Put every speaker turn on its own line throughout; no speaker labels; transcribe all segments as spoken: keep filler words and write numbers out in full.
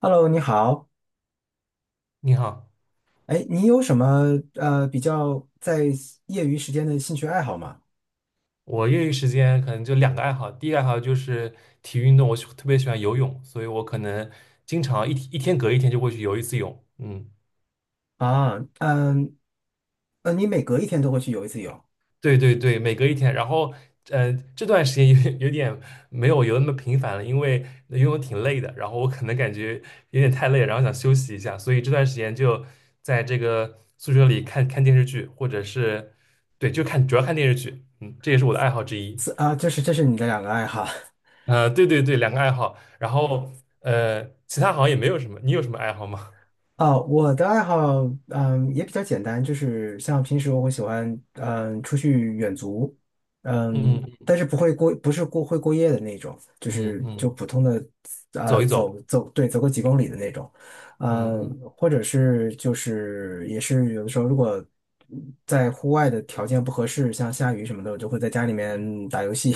Hello，你好。
你好，
哎，你有什么呃比较在业余时间的兴趣爱好吗？
我业余时间可能就两个爱好，第一个爱好就是体育运动，我喜特别喜欢游泳，所以我可能经常一一天隔一天就会去游一次泳。嗯，
啊，嗯，呃，你每隔一天都会去游一次泳，
对对对，每隔一天。然后，呃，这段时间有点有点没有游那么频繁了，因为游泳挺累的，然后我可能感觉有点太累了然后想休息一下，所以这段时间就在这个宿舍里看看电视剧，或者是对，就看主要看电视剧。嗯，这也是我的爱好之一。
是啊，这是这是你的两个爱好。
呃，对对对，两个爱好，然后呃，其他好像也没有什么，你有什么爱好吗？
哦，我的爱好，嗯，也比较简单，就是像平时我会喜欢，嗯，出去远足，嗯，
嗯
但是不会过，不是过会过夜的那种，就
嗯
是就
嗯，
普通的，
走
呃，
一走，
走走，对，走个几公里的那种，
嗯
嗯，
嗯
或者是就是也是有的时候如果在户外的条件不合适，像下雨什么的，我就会在家里
嗯，
面打游戏，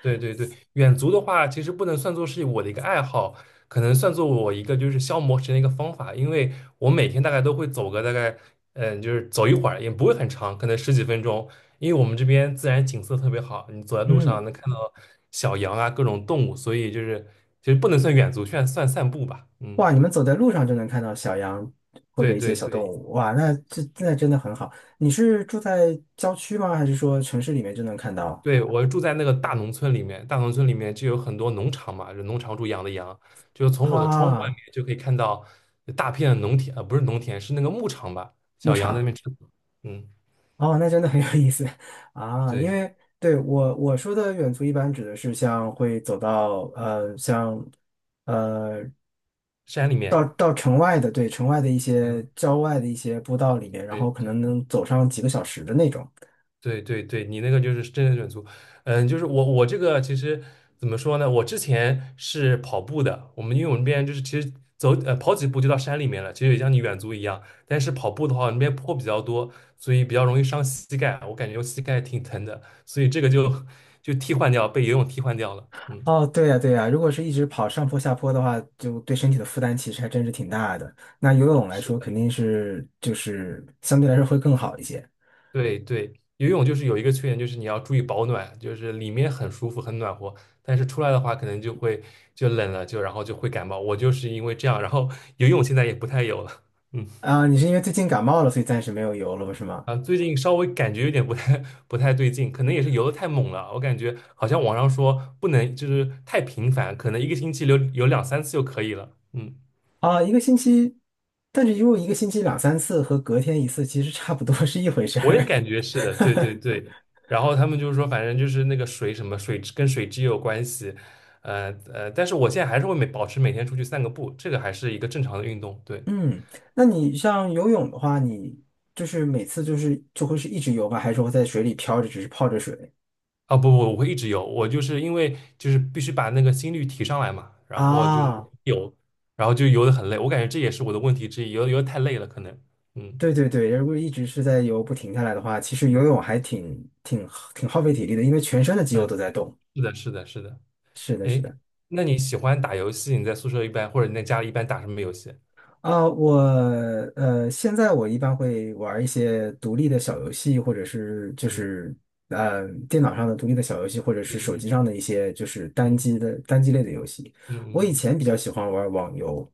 对对对，远足的话，其实不能算作是我的一个爱好，可能算作我一个就是消磨时间的一个方法，因为我每天大概都会走个大概，嗯、就是走一会儿，也不会很长，可能十几分钟，因为我们这边自然景色特别好，你走在 路上
嗯。
能看到小羊啊，各种动物，所以就是其实不能算远足，算算散步吧。嗯，
哇，你们走在路上就能看到小羊或
对
者一些
对
小动
对，
物，哇，那这那真的很好。你是住在郊区吗？还是说城市里面就能看到？
对，我住在那个大农村里面，大农村里面就有很多农场嘛，就农场主养的羊，就是从我的窗户外面
啊，
就可以看到大片的农田，呃，不是农田，是那个牧场吧，
牧
小羊在那边
场，
吃草。嗯，
哦，那真的很有意思 啊。因
对，
为对我我说的远足一般指的是像会走到呃像呃
山里
到
面，
到城外的对城外的一
嗯，
些郊外的一些步道里面，然
对
后可
对。
能能走上几个小时的那种。
对对对，你那个就是真人远足，嗯，就是我我这个其实怎么说呢？我之前是跑步的，我们因为我们那边就是其实走呃跑几步就到山里面了，其实也像你远足一样。但是跑步的话，那边坡比较多，所以比较容易伤膝盖，我感觉我膝盖挺疼的，所以这个就 就替换掉，被游泳替换掉了。嗯，
哦，对呀，对呀，如果是一直跑上坡下坡的话，就对身体的负担其实还真是挺大的。那游泳来
是。
说，肯定是就是相对来说会更好一些
对对，游泳就是有一个缺点，就是你要注意保暖，就是里面很舒服很暖和，但是出来的话可能就会就冷了，就然后就会感冒。我就是因为这样，然后 游泳现在也不太有了。嗯
啊。你是因为最近感冒了，所以暂时没有游了，是吗？
啊，最近稍微感觉有点不太不太对劲，可能也是游的太猛了，我感觉好像网上说不能就是太频繁，可能一个星期游游两三次就可以了。嗯，
啊，一个星期，但是游泳一个星期两三次和隔天一次其实差不多是一回事
我也
儿。
感觉是的，对对 对。然后他们就是说，反正就是那个水什么水质跟水质也有关系，呃呃，但是我现在还是会每保持每天出去散个步，这个还是一个正常的运动。对，
嗯，那你像游泳的话，你就是每次就是就会是一直游吧，还是说在水里漂着，只是泡着水
啊不不，我会一直游，我就是因为就是必须把那个心率提上来嘛，然后就是
啊？
有，然后就游的很累，我感觉这也是我的问题之一，游游得太累了可能。嗯
对对对，如果一直是在游不停下来的话，其实
嗯
游泳还挺挺挺耗费体力的，因为全身的肌肉都
嗯，
在动。
是的是的是的。
是的，是
哎，
的。
那你喜欢打游戏？你在宿舍一般或者你在家里一般打什么游戏？
啊，我呃，现在我一般会玩一些独立的小游戏，或者是就是呃电脑上的独立的小游戏，或者是
嗯
手
嗯
机上的一些就是单
嗯
机的单机类的游戏。
嗯嗯
我以
嗯嗯。
前比较喜欢玩网游，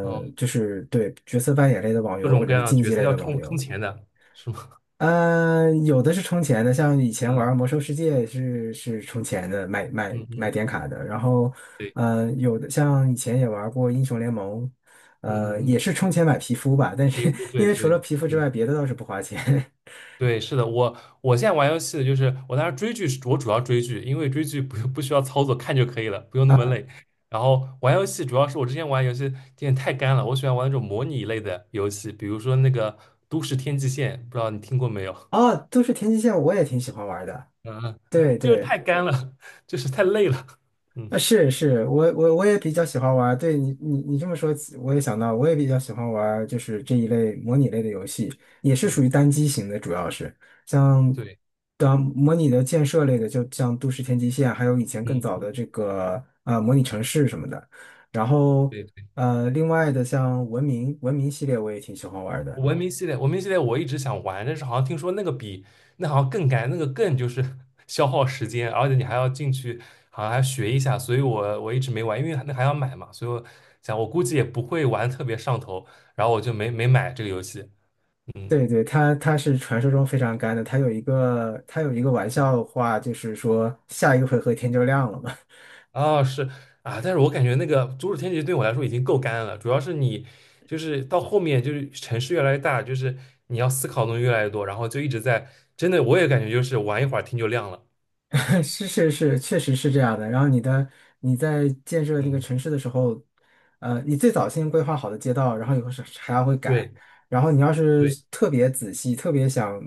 哦，
就是对角色扮演类的网
各
游
种
或
各
者是
样的
竞
角
技
色
类
要
的网
充充
游。
钱的，是吗？
呃，有的是充钱的，像以前
嗯
玩《魔兽世界》是是充钱的，买买
嗯
买
嗯，
点卡的。然后，
对，
呃，有的像以前也玩过《英雄联盟》，
嗯
呃，
嗯
也
嗯，
是充钱买皮肤吧。但
皮
是
肤，对
因为除了
对
皮肤
对
之外，别的倒是不花钱。
对，是的，我我现在玩游戏就是我当时追剧是，我主要追剧，因为追剧不用不需要操作，看就可以了，不用那么累。然后玩游戏主要是我之前玩游戏有点太干了，我喜欢玩那种模拟类的游戏，比如说那个《都市天际线》，不知道你听过没有？
哦，都是天际线，我也挺喜欢玩的。
嗯，
对
就是
对。
太干了，就是太累了。嗯
啊，是是，我我我也比较喜欢玩儿。对你你你这么说起我也想到，我也比较喜欢玩儿，就是这一类模拟类的游戏，也是属
嗯，
于单机型的，主要是像
对，
当模拟的建设类的，就像《都市天际线》，还有以前更
嗯
早的
嗯。
这个呃模拟城市什么的。然后
对。
呃，另外的像《文明》《文明》系列，我也挺喜欢玩儿的。
文明系列，文明系列我一直想玩，但是好像听说那个比那好像更干，那个更就是 消耗时间，而且你还要进去，好像还要学一下，所以我我一直没玩，因为那还要买嘛，所以我想我估计也不会玩特别上头，然后我就没没买这个游戏。嗯，
对对，它它是传说中非常干的，它有一个它有一个玩笑话，就是说下一个回合天就亮了嘛。
啊是啊，但是我感觉那个《阻止天劫》对我来说已经够干了，主要是你就是到后面就是城市越来越大，就是你要思考的东西越来越多，然后就一直在真的我也感觉就是玩一会儿天就亮了。
是是是，确实是这样的。然后你的你在建设那个
嗯，
城市的时候，呃，你最早先规划好的街道，然后以后是还要会改。
对。
然后你要是
对
特别仔细，特别想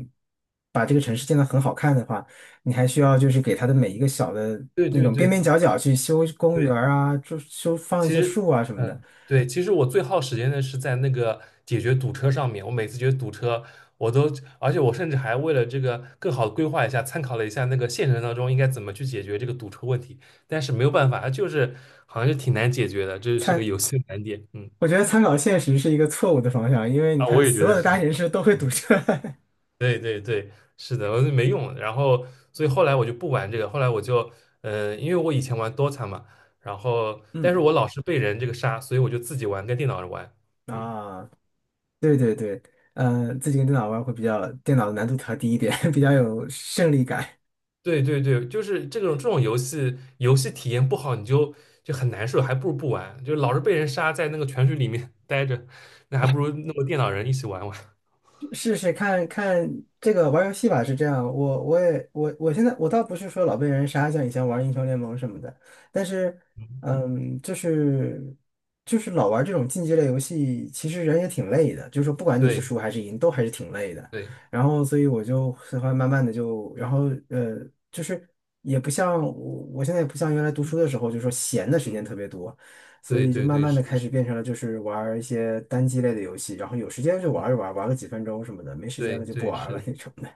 把这个城市建得很好看的话，你还需要就是给它的每一个小的
对
那
对
种边
对
边角角去修公园
对，
儿啊，就修放一
其
些
实，
树啊什么的。
嗯，对，其实我最耗时间的是在那个解决堵车上面。我每次觉得堵车，我都，而且我甚至还为了这个更好的规划一下，参考了一下那个现实当中应该怎么去解决这个堵车问题。但是没有办法，就是好像是挺难解决的，这是个游戏的难点。嗯，
我觉得参考现实是一个错误的方向，因为你
啊，我
看
也觉
所有
得
的大
是。
城市都会堵车。
对对对，是的，我就没用。然后，所以后来我就不玩这个。后来我就，嗯、因为我以前玩 DOTA 嘛，然后，但是
嗯
我老是被人这个杀，所以我就自己玩，跟电脑人玩。嗯，
啊。对对对，呃，自己跟电脑玩会比较，电脑的难度调低一点，比较有胜利感。
对对对，就是这种这种游戏，游戏体验不好，你就就很难受，还不如不玩。就老是被人杀，在那个泉水里面 待着，那还不如弄个电脑人一起玩玩。
试试看看这个玩游戏吧，是这样。我我也我我现在我倒不是说老被人杀，像以前玩英雄联盟什么的，但是
嗯
嗯，就是就是老玩这种竞技类游戏，其实人也挺累的，就是说不管你是
对
输还是赢，都还是挺累的。
对，
然后所以我就喜欢慢慢的就，然后呃，就是也不像我我现在也不像原来读书的时候，就是说闲的时间
嗯，
特别多。所
对
以就
对
慢
对，
慢的
是的，
开
是
始
的，
变成了就是玩儿一些单机类的游戏，然后有时间就
嗯，
玩一玩，玩个几分钟什么的，没时间
对
了就不
对
玩
是
了
的。
那种的。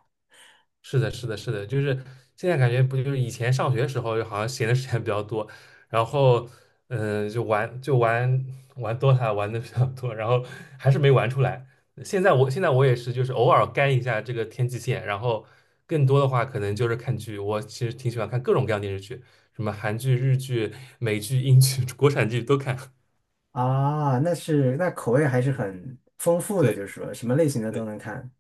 是的，是的，是的，就是现在感觉不就是以前上学时候，好像闲的时间比较多，然后，嗯、呃就玩就玩玩 DOTA 玩的比较多，然后还是没玩出来。现在我现在我也是，就是偶尔干一下这个天际线，然后更多的话可能就是看剧。我其实挺喜欢看各种各样的电视剧，什么韩剧、日剧、美剧、英剧、国产剧都看。
啊，那是，那口味还是
嗯，
很丰富的，就
对。
是说什么类型的都
对
能看。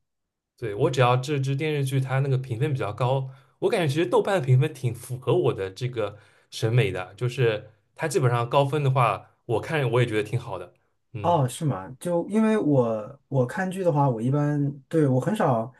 对，我只要这支电视剧它那个评分比较高，我感觉其实豆瓣的评分挺符合我的这个审美的，就是它基本上高分的话，我看我也觉得挺好的。嗯
哦，是吗？就因为我我看剧的话，我一般对我很少，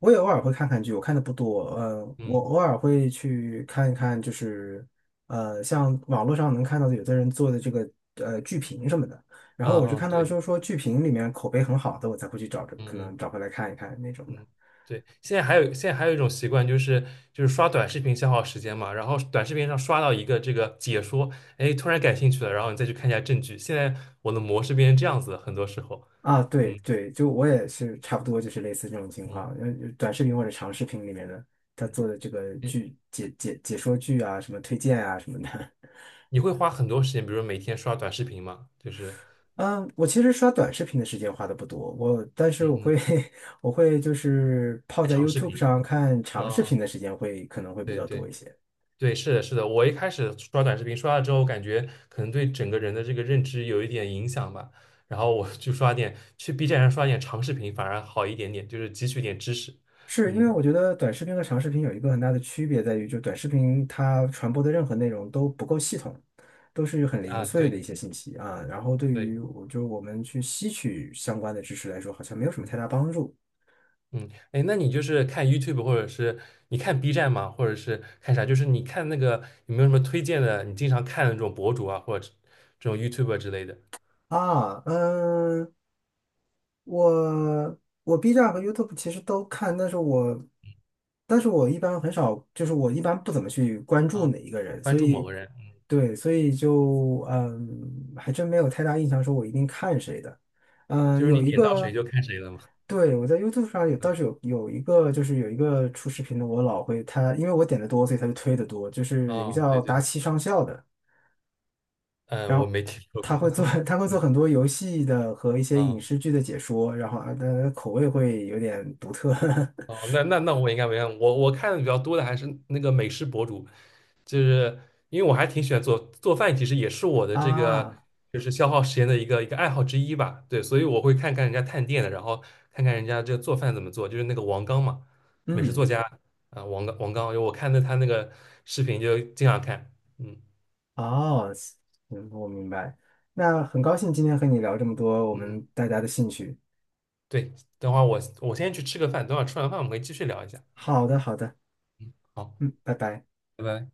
我也偶尔会看看剧，我看的不多。呃，我
嗯
偶尔会去看一看，就是呃，像网络上能看到的有的人做的这个呃剧评什么的。然后
嗯
我是
嗯，
看到
对，
就是说剧评里面口碑很好的，我才会去找着，
嗯
可
嗯
能找回来看一看那种的。
嗯，对。现在还有现在还有一种习惯，就是就是刷短视频消耗时间嘛，然后短视频上刷到一个这个解说，哎，突然感兴趣了，然后你再去看一下证据。现在我的模式变成这样子了很多时候。
啊，对
嗯
对，就我也是差不多就是类似这种情况，
嗯，
呃，短视频或者长视频里面的他做的这个
你
剧解解解说剧啊，什么推荐啊什么的。
你会花很多时间，比如说每天刷短视频嘛，就是。
嗯，我其实刷短视频的时间花的不多，我但是
嗯
我
嗯，
会 我会就是泡在
长视
YouTube
频
上看长视
啊，
频的时间会可能会比
对
较多
对
一些。
对，是的，是的。我一开始刷短视频，刷了之后，感觉可能对整个人的这个认知有一点影响吧。然后我就刷点，去 B 站上刷点长视频，反而好一点点，就是汲取点知识。
是因为
嗯
我觉得短视频和长视频有一个很大的区别在于，就短视频它传播的任何内容都不够系统，都是很零
啊，
碎的
对
一些信息啊。然后对
对，
于我就是我们去吸取相关的知识来说，好像没有什么
嗯
太大帮助
嗯。哎，那你就是看 YouTube 或者是你看 B 站吗？或者是看啥？就是你看那个有没有什么推荐的？你经常看的那种博主啊，或者这种 y o u t u b e 之类的
啊。嗯，我我 B 站和 YouTube 其实都看，但是我但是我一般很少，就是我一般不怎么去关注
啊，
哪一个人，
关
所
注某
以
个人，
对，所以就嗯，还真没有太大印象，说我一定看谁的。嗯，
就是你
有一
点到谁
个，
就看谁了嘛。
对，我在 YouTube 上有倒是有有一个，就是有一个出视频的，我老会他，因为我点的多，所以他就推的多，就是有一个
哦，
叫
对对，
达奇上校的。
嗯，
然
我
后
没听说过，
他会做 他会做
嗯，
很多游戏的和一 些影
啊，
视剧的解说，然后啊，他的口味会有点独特
哦，那那那我应该没看，我我看的比较多的还是那个美食博主，就是因为我还挺喜欢做做饭，其实也是我 的这个
啊，
就是消耗时间的一个一个爱好之一吧，对，所以我会看看人家探店的，然后看看人家这个做饭怎么做，就是那个王刚嘛，美食作
嗯，
家啊，王刚王刚，我看的他那个视频就经常看。嗯
哦，嗯，我明白。那很高兴今天和你聊这么多我
嗯，嗯
们大家的兴趣。
对，等会儿我我先去吃个饭，等会儿吃完饭我们可以继续聊一下，
好的，好的，
嗯，好，
嗯，拜拜。
拜拜。